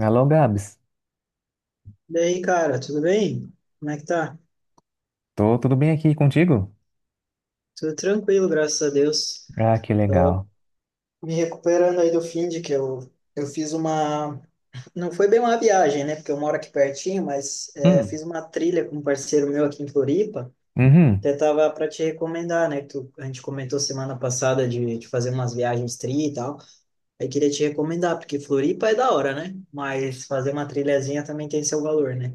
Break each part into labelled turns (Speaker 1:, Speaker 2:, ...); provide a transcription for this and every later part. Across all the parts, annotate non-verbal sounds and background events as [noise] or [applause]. Speaker 1: Alô, Gabs.
Speaker 2: E aí, cara, tudo bem? Como é que tá?
Speaker 1: Tô tudo bem aqui contigo?
Speaker 2: Tudo tranquilo, graças a Deus.
Speaker 1: Ah, que legal.
Speaker 2: Me recuperando aí do fim de que eu fiz uma. Não foi bem uma viagem, né? Porque eu moro aqui pertinho, mas é,
Speaker 1: Hum.
Speaker 2: fiz uma trilha com um parceiro meu aqui em Floripa.
Speaker 1: Uhum.
Speaker 2: Até tava para te recomendar, né? Que a gente comentou semana passada de fazer umas viagens tri e tal. Aí queria te recomendar, porque Floripa é da hora, né? Mas fazer uma trilhazinha também tem seu valor, né?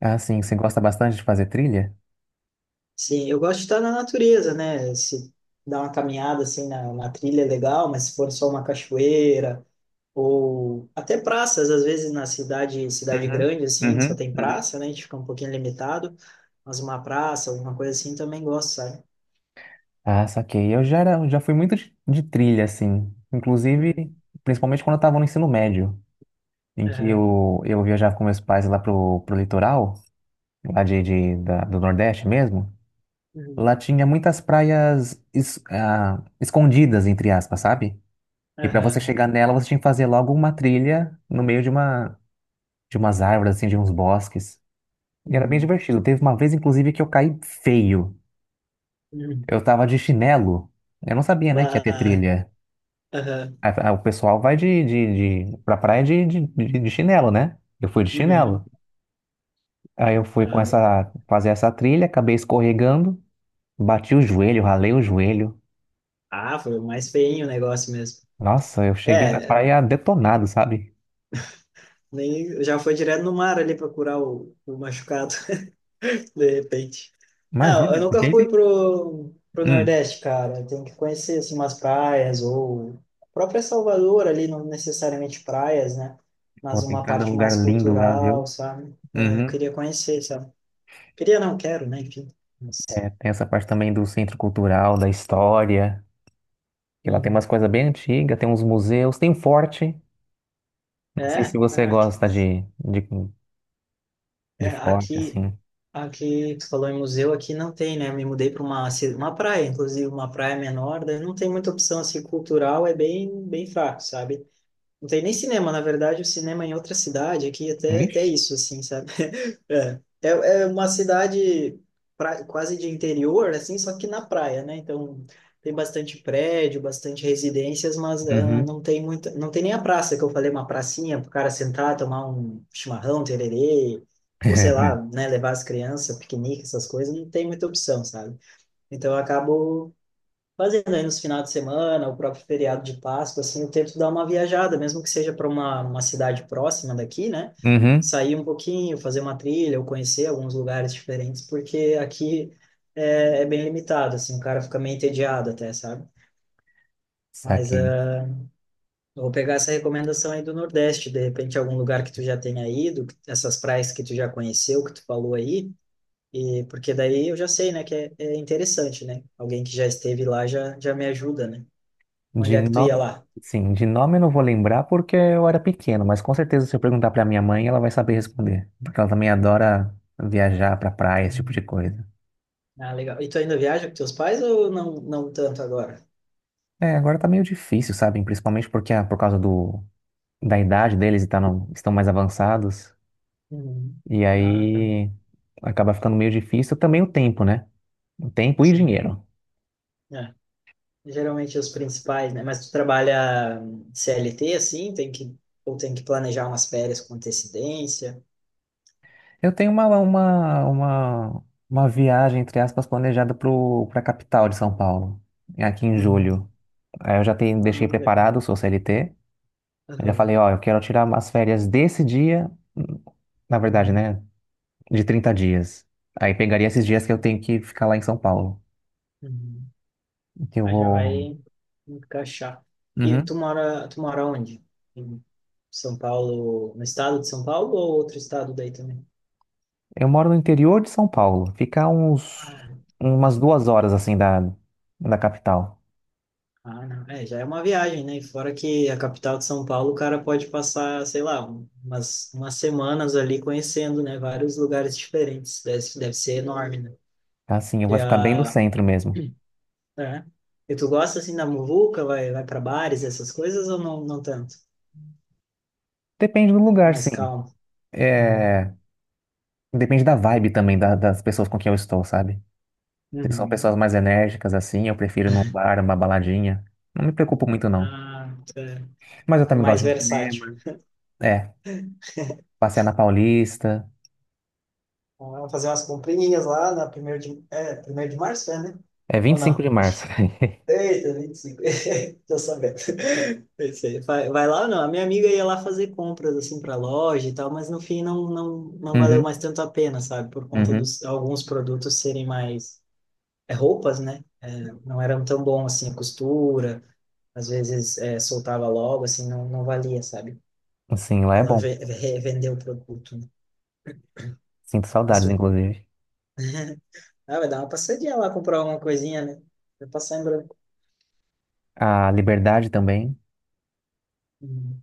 Speaker 1: Ah, sim, você gosta bastante de fazer trilha?
Speaker 2: Sim, eu gosto de estar na natureza, né? Se dar uma caminhada assim na trilha é legal, mas se for só uma cachoeira ou até praças, às vezes na cidade, cidade
Speaker 1: Uhum.
Speaker 2: grande assim, só
Speaker 1: Uhum.
Speaker 2: tem
Speaker 1: Uhum.
Speaker 2: praça, né? A gente fica um pouquinho limitado, mas uma praça, alguma coisa assim também gosto, sabe?
Speaker 1: Ah, saquei. Já fui muito de trilha, assim. Inclusive,
Speaker 2: Uhum.
Speaker 1: principalmente quando eu tava no ensino médio, em que
Speaker 2: Aham.
Speaker 1: eu viajava com meus pais lá pro litoral, lá do Nordeste mesmo.
Speaker 2: Uhum.
Speaker 1: Lá tinha muitas praias escondidas, entre aspas, sabe? E para você
Speaker 2: Aham.
Speaker 1: chegar nela, você tinha que fazer logo uma trilha no meio de umas árvores, assim, de uns bosques. E era bem
Speaker 2: Uhum.
Speaker 1: divertido. Teve uma vez, inclusive, que eu caí feio.
Speaker 2: Uhum.
Speaker 1: Eu tava de chinelo. Eu não sabia, né, que ia ter
Speaker 2: Vá.
Speaker 1: trilha.
Speaker 2: Aham.
Speaker 1: O pessoal vai de pra praia de chinelo, né? Eu fui de
Speaker 2: Uhum.
Speaker 1: chinelo. Aí eu fui
Speaker 2: Aham.
Speaker 1: fazer essa trilha, acabei escorregando, bati o joelho, ralei o joelho.
Speaker 2: Ah, foi o mais feinho o negócio mesmo.
Speaker 1: Nossa, eu cheguei na
Speaker 2: É,
Speaker 1: praia detonado, sabe?
Speaker 2: nem já foi direto no mar ali procurar o machucado. De repente. Não, eu
Speaker 1: Imagina,
Speaker 2: nunca fui
Speaker 1: fiquei.
Speaker 2: pro
Speaker 1: Hum,
Speaker 2: Nordeste, cara. Tem que conhecer, assim, umas praias ou a própria Salvador ali, não necessariamente praias, né?
Speaker 1: pô,
Speaker 2: Mas
Speaker 1: tem
Speaker 2: uma
Speaker 1: cada
Speaker 2: parte
Speaker 1: lugar
Speaker 2: mais
Speaker 1: lindo lá,
Speaker 2: cultural,
Speaker 1: viu?
Speaker 2: sabe? É, eu
Speaker 1: Uhum.
Speaker 2: queria conhecer, sabe? Queria, não quero, né? Enfim. Mas.
Speaker 1: É, tem essa parte também do centro cultural, da história. E lá tem umas
Speaker 2: Uhum.
Speaker 1: coisas bem antigas, tem uns museus, tem um forte. Não sei se
Speaker 2: É, é,
Speaker 1: você
Speaker 2: aqui,
Speaker 1: gosta de, de,
Speaker 2: é,
Speaker 1: de forte,
Speaker 2: aqui,
Speaker 1: assim.
Speaker 2: aqui, tu falou em museu, aqui não tem, né? Eu me mudei para uma praia, inclusive, uma praia menor, daí não tem muita opção, assim, cultural é bem, bem fraco, sabe? Não tem nem cinema, na verdade, o cinema é em outra cidade, aqui é até, até
Speaker 1: Vixe.
Speaker 2: isso, assim, sabe? [laughs] É, uma cidade quase de interior, assim, só que na praia, né? Então, tem bastante prédio, bastante residências, mas
Speaker 1: Uhum.
Speaker 2: não tem nem a praça, que eu falei, uma pracinha para o cara sentar, tomar um chimarrão, tererê, ou sei
Speaker 1: [laughs]
Speaker 2: lá, né, levar as crianças, piquenique, essas coisas, não tem muita opção, sabe? Então, eu acabo fazendo aí nos finais de semana, o próprio feriado de Páscoa, assim, eu tento dar uma viajada, mesmo que seja para uma cidade próxima daqui, né?
Speaker 1: Uhum.
Speaker 2: Sair um pouquinho, fazer uma trilha, ou conhecer alguns lugares diferentes, porque aqui é bem limitado, assim, o cara fica meio entediado até, sabe? Mas
Speaker 1: Saquei.
Speaker 2: eu vou pegar essa recomendação aí do Nordeste, de repente algum lugar que tu já tenha ido, essas praias que tu já conheceu, que tu falou aí, e porque daí eu já sei, né, que é interessante, né? Alguém que já esteve lá já me ajuda, né? Onde
Speaker 1: De
Speaker 2: é que tu ia
Speaker 1: no...
Speaker 2: lá?
Speaker 1: Sim, de nome eu não vou lembrar porque eu era pequeno, mas com certeza se eu perguntar pra minha mãe, ela vai saber responder. Porque ela também adora viajar pra praia, esse tipo
Speaker 2: Uhum.
Speaker 1: de coisa.
Speaker 2: Ah, legal. E tu ainda viaja com teus pais ou não, não tanto agora?
Speaker 1: É, agora tá meio difícil, sabe? Principalmente porque por causa da idade deles e estão mais avançados.
Speaker 2: Uhum.
Speaker 1: E
Speaker 2: Ah, tá.
Speaker 1: aí acaba ficando meio difícil também o tempo, né? O tempo e
Speaker 2: Sim.
Speaker 1: dinheiro.
Speaker 2: É. Geralmente os principais, né? Mas tu trabalha CLT assim, tem que ou tem que planejar umas férias com antecedência.
Speaker 1: Eu tenho uma viagem, entre aspas, planejada para a capital de São Paulo, é aqui em
Speaker 2: Uhum.
Speaker 1: julho. Aí eu já tenho, deixei
Speaker 2: Ah, legal.
Speaker 1: preparado, sou CLT. Eu já
Speaker 2: Aham.
Speaker 1: falei, ó, eu quero tirar umas férias desse dia, na verdade,
Speaker 2: Uhum.
Speaker 1: né? De 30 dias. Aí pegaria esses dias que eu tenho que ficar lá em São Paulo.
Speaker 2: Uhum.
Speaker 1: Que eu
Speaker 2: Ah, já
Speaker 1: vou.
Speaker 2: vai encaixar. E tu
Speaker 1: Uhum.
Speaker 2: mora, tu mora onde? Em São Paulo, no estado de São Paulo ou outro estado daí também?
Speaker 1: Eu moro no interior de São Paulo. Fica uns
Speaker 2: Ah, tá.
Speaker 1: umas 2 horas assim da capital.
Speaker 2: Ah, não. É, já é uma viagem, né? E fora que a capital de São Paulo, o cara pode passar, sei lá, umas semanas ali conhecendo, né? Vários lugares diferentes. Deve ser enorme, né?
Speaker 1: Assim, eu
Speaker 2: Que
Speaker 1: vou ficar bem no
Speaker 2: a,
Speaker 1: centro mesmo.
Speaker 2: é. E tu gosta, assim, da muvuca? Vai para bares, essas coisas, ou não, não tanto?
Speaker 1: Depende do lugar,
Speaker 2: Mais
Speaker 1: sim.
Speaker 2: calmo. Aham.
Speaker 1: É, depende da vibe também das pessoas com quem eu estou, sabe? Se são pessoas
Speaker 2: Uhum.
Speaker 1: mais enérgicas assim, eu prefiro ir num bar, uma baladinha. Não me preocupo muito não.
Speaker 2: Ah, tá.
Speaker 1: Mas eu também
Speaker 2: Mais
Speaker 1: gosto de um
Speaker 2: versátil.
Speaker 1: cinema. É, passear na Paulista.
Speaker 2: Vamos fazer umas comprinhas lá na primeiro de, é, primeiro de março, é, né?
Speaker 1: É vinte
Speaker 2: Ou
Speaker 1: e cinco
Speaker 2: não?
Speaker 1: de março. [laughs]
Speaker 2: Eita, 25 [laughs] tô sabendo. Pensei, vai lá ou não? A minha amiga ia lá fazer compras, assim, pra loja e tal, mas no fim não valeu
Speaker 1: Uhum,
Speaker 2: mais tanto a pena, sabe? Por conta
Speaker 1: uhum.
Speaker 2: dos alguns produtos serem mais. É, roupas, né? Não eram tão bom, assim, a costura. Às vezes soltava logo, assim, não valia, sabe?
Speaker 1: Sim, lá é
Speaker 2: Ela
Speaker 1: bom.
Speaker 2: vendeu o produto, né?
Speaker 1: Sinto
Speaker 2: Mas
Speaker 1: saudades,
Speaker 2: tu.
Speaker 1: inclusive.
Speaker 2: Ah, vai dar uma passadinha lá comprar alguma coisinha, né? Vai passar em branco.
Speaker 1: A liberdade também.
Speaker 2: Uhum.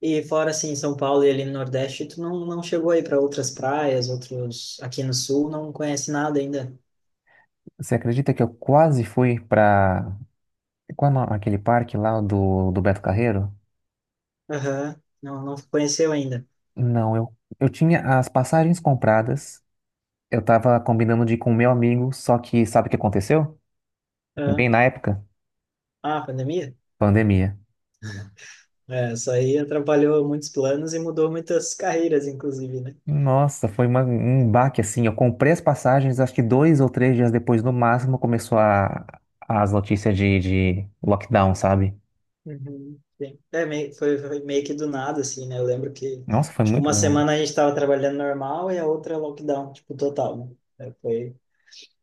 Speaker 2: E fora assim, São Paulo e ali no Nordeste, tu não chegou aí para outras praias, outros aqui no Sul, não conhece nada ainda.
Speaker 1: Você acredita que eu quase fui pra. Qual é o nome- aquele parque lá do Beto Carreiro?
Speaker 2: Aham, não conheceu ainda.
Speaker 1: Não, eu tinha as passagens compradas. Eu tava combinando de ir com meu amigo, só que sabe o que aconteceu? Bem
Speaker 2: Aham.
Speaker 1: na época,
Speaker 2: Ah, pandemia?
Speaker 1: pandemia.
Speaker 2: É, isso aí atrapalhou muitos planos e mudou muitas carreiras, inclusive, né?
Speaker 1: Nossa, foi um baque assim. Eu comprei as passagens, acho que 2 ou 3 dias depois, no máximo, começou as notícias de lockdown, sabe?
Speaker 2: Uhum. Sim. É, foi meio que do nada, assim, né? Eu lembro que,
Speaker 1: Nossa, foi
Speaker 2: tipo,
Speaker 1: muito
Speaker 2: uma
Speaker 1: doido.
Speaker 2: semana a gente estava trabalhando normal e a outra lockdown, tipo, total, né? É, foi.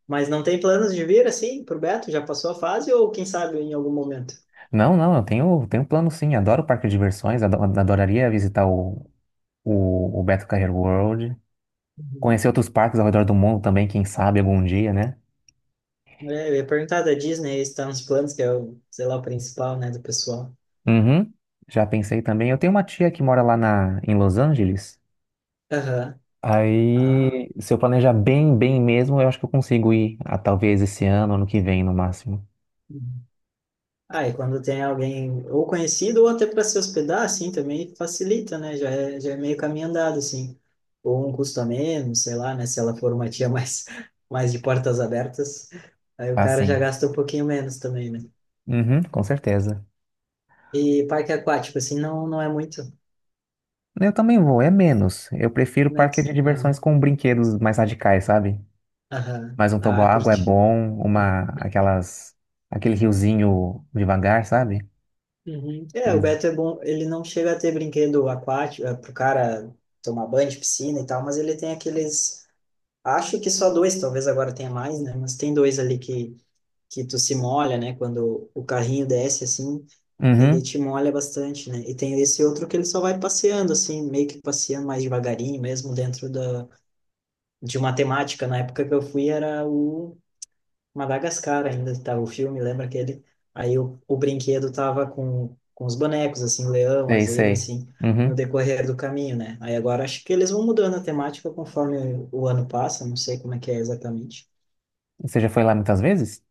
Speaker 2: Mas não tem planos de vir, assim, pro Beto? Já passou a fase ou, quem sabe, em algum momento?
Speaker 1: Não, não, eu tenho plano sim. Adoro parque de diversões, adoraria visitar o Beto Carreiro World. Conhecer
Speaker 2: Uhum.
Speaker 1: outros parques ao redor do mundo também, quem sabe algum dia, né?
Speaker 2: É, eu ia perguntar da Disney, está nos planos, que é o, sei lá, o principal, né, do pessoal.
Speaker 1: Uhum. Já pensei também. Eu tenho uma tia que mora lá em Los Angeles.
Speaker 2: Aham. Ah,
Speaker 1: Aí, se eu planejar bem, bem mesmo, eu acho que eu consigo ir, talvez esse ano, ano que vem, no máximo.
Speaker 2: uhum. E quando tem alguém ou conhecido ou até para se hospedar, assim, também facilita, né? Já é meio caminho andado, assim. Ou um custo a menos, sei lá, né? Se ela for uma tia mais, [laughs] mais de portas abertas, aí o cara já
Speaker 1: Assim.
Speaker 2: gasta um pouquinho menos também, né?
Speaker 1: Uhum, com certeza.
Speaker 2: E parque aquático, assim, não é muito
Speaker 1: Eu também vou, é menos. Eu prefiro parque de
Speaker 2: menos. Ah,
Speaker 1: diversões com brinquedos mais radicais, sabe?
Speaker 2: aham.
Speaker 1: Mas um
Speaker 2: Ah,
Speaker 1: toboágua é
Speaker 2: curte.
Speaker 1: bom, aquele riozinho devagar, sabe?
Speaker 2: Uhum. É, o
Speaker 1: Eles-
Speaker 2: Beto é bom, ele não chega a ter brinquedo aquático, pro cara tomar banho de piscina e tal, mas ele tem aqueles, acho que só dois, talvez agora tenha mais, né? Mas tem dois ali que tu se molha, né? Quando o carrinho desce, assim, ele
Speaker 1: Uhum.
Speaker 2: te molha bastante, né? E tem esse outro que ele só vai passeando, assim, meio que passeando mais devagarinho, mesmo dentro de uma temática. Na época que eu fui era o Madagascar ainda estava o filme, lembra aquele? Aí o brinquedo tava com os bonecos, assim, o leão, a
Speaker 1: Sei,
Speaker 2: zebra,
Speaker 1: sei.
Speaker 2: assim, no
Speaker 1: Uhum.
Speaker 2: decorrer do caminho, né? Aí agora acho que eles vão mudando a temática conforme o ano passa, não sei como é que é exatamente.
Speaker 1: Você já foi lá muitas vezes?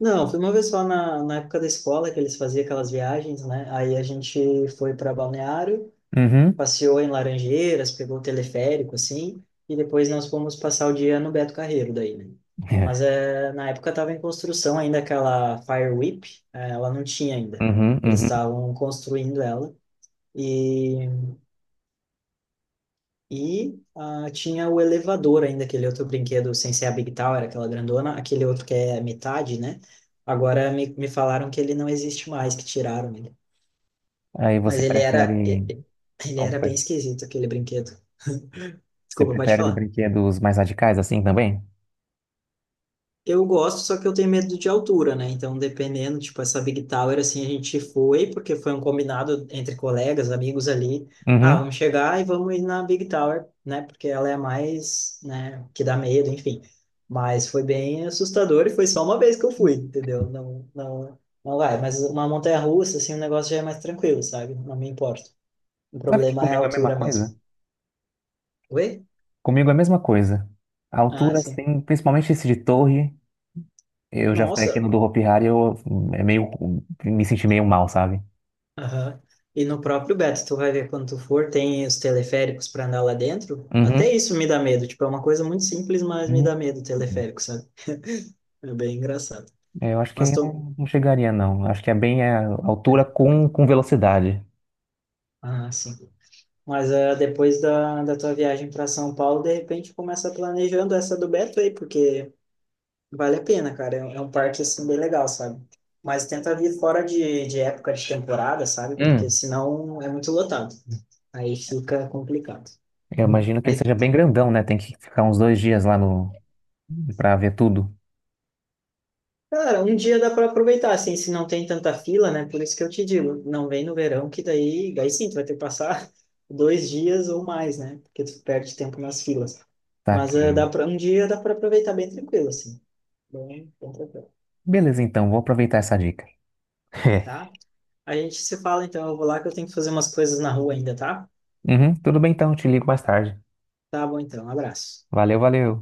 Speaker 2: Não, foi uma vez só na época da escola que eles faziam aquelas viagens, né? Aí a gente foi para Balneário,
Speaker 1: Uhum.
Speaker 2: passeou em Laranjeiras, pegou o teleférico, assim, e depois nós fomos passar o dia no Beto Carreiro daí, né? Mas
Speaker 1: [laughs]
Speaker 2: é, na época estava em construção ainda aquela Fire Whip, ela não tinha ainda.
Speaker 1: Uhum,
Speaker 2: Eles
Speaker 1: uhum.
Speaker 2: estavam construindo ela e, e tinha o elevador ainda, aquele outro brinquedo sem ser a Big Tower, aquela grandona, aquele outro que é metade, né? Agora me falaram que ele não existe mais, que tiraram ele.
Speaker 1: Aí você
Speaker 2: Mas ele era,
Speaker 1: prefere.
Speaker 2: ele era bem
Speaker 1: Opa.
Speaker 2: esquisito, aquele brinquedo.
Speaker 1: Você
Speaker 2: Desculpa, pode
Speaker 1: prefere os
Speaker 2: falar.
Speaker 1: brinquedos mais radicais assim também?
Speaker 2: Eu gosto, só que eu tenho medo de altura, né? Então, dependendo, tipo, essa Big Tower, assim, a gente foi, porque foi um combinado entre colegas, amigos ali. Ah,
Speaker 1: Uhum.
Speaker 2: vamos chegar e vamos ir na Big Tower, né? Porque ela é a mais, né, que dá medo, enfim. Mas foi bem assustador e foi só uma vez que eu fui, entendeu? Não, não, não vai. Mas uma montanha-russa, assim, o negócio já é mais tranquilo, sabe? Não me importo. O
Speaker 1: Sabe que
Speaker 2: problema é a
Speaker 1: comigo é a mesma
Speaker 2: altura mesmo.
Speaker 1: coisa?
Speaker 2: Oi?
Speaker 1: Comigo é a mesma coisa. A
Speaker 2: Ah,
Speaker 1: altura,
Speaker 2: sim.
Speaker 1: assim, principalmente esse de torre, eu já fui aqui
Speaker 2: Nossa,
Speaker 1: no do Hopi Hari, eu é meio, me senti meio mal, sabe?
Speaker 2: aham. E no próprio Beto, tu vai ver quando tu for, tem os teleféricos para andar lá dentro. Até
Speaker 1: Uhum.
Speaker 2: isso me dá medo. Tipo, é uma coisa muito simples, mas me
Speaker 1: Uhum.
Speaker 2: dá medo o teleférico, sabe? É bem engraçado.
Speaker 1: É, eu acho que
Speaker 2: Mas
Speaker 1: aí
Speaker 2: tô.
Speaker 1: não, não chegaria, não. Acho que é bem a altura com velocidade.
Speaker 2: Ah, sim. Mas depois da tua viagem para São Paulo, de repente começa planejando essa do Beto aí, porque vale a pena, cara. É um parque, assim, bem legal, sabe? Mas tenta vir fora de época de temporada, sabe? Porque senão é muito lotado. Aí fica complicado.
Speaker 1: Eu imagino que ele
Speaker 2: Aí
Speaker 1: seja bem grandão, né? Tem que ficar uns 2 dias lá no para ver tudo.
Speaker 2: cara, um dia dá para aproveitar, assim, se não tem tanta fila, né? Por isso que eu te digo, não vem no verão, que daí, daí sim, tu vai ter que passar [laughs] 2 dias ou mais, né? Porque tu perde tempo nas filas.
Speaker 1: Tá
Speaker 2: Mas
Speaker 1: que.
Speaker 2: dá para um dia dá para aproveitar bem tranquilo, assim. Bem, bem tranquilo,
Speaker 1: Beleza, então, vou aproveitar essa dica.
Speaker 2: tá?
Speaker 1: [laughs]
Speaker 2: A gente se fala, então, eu vou lá que eu tenho que fazer umas coisas na rua ainda, tá?
Speaker 1: Uhum, tudo bem então, te ligo mais tarde.
Speaker 2: Tá bom, então, um abraço.
Speaker 1: Valeu, valeu.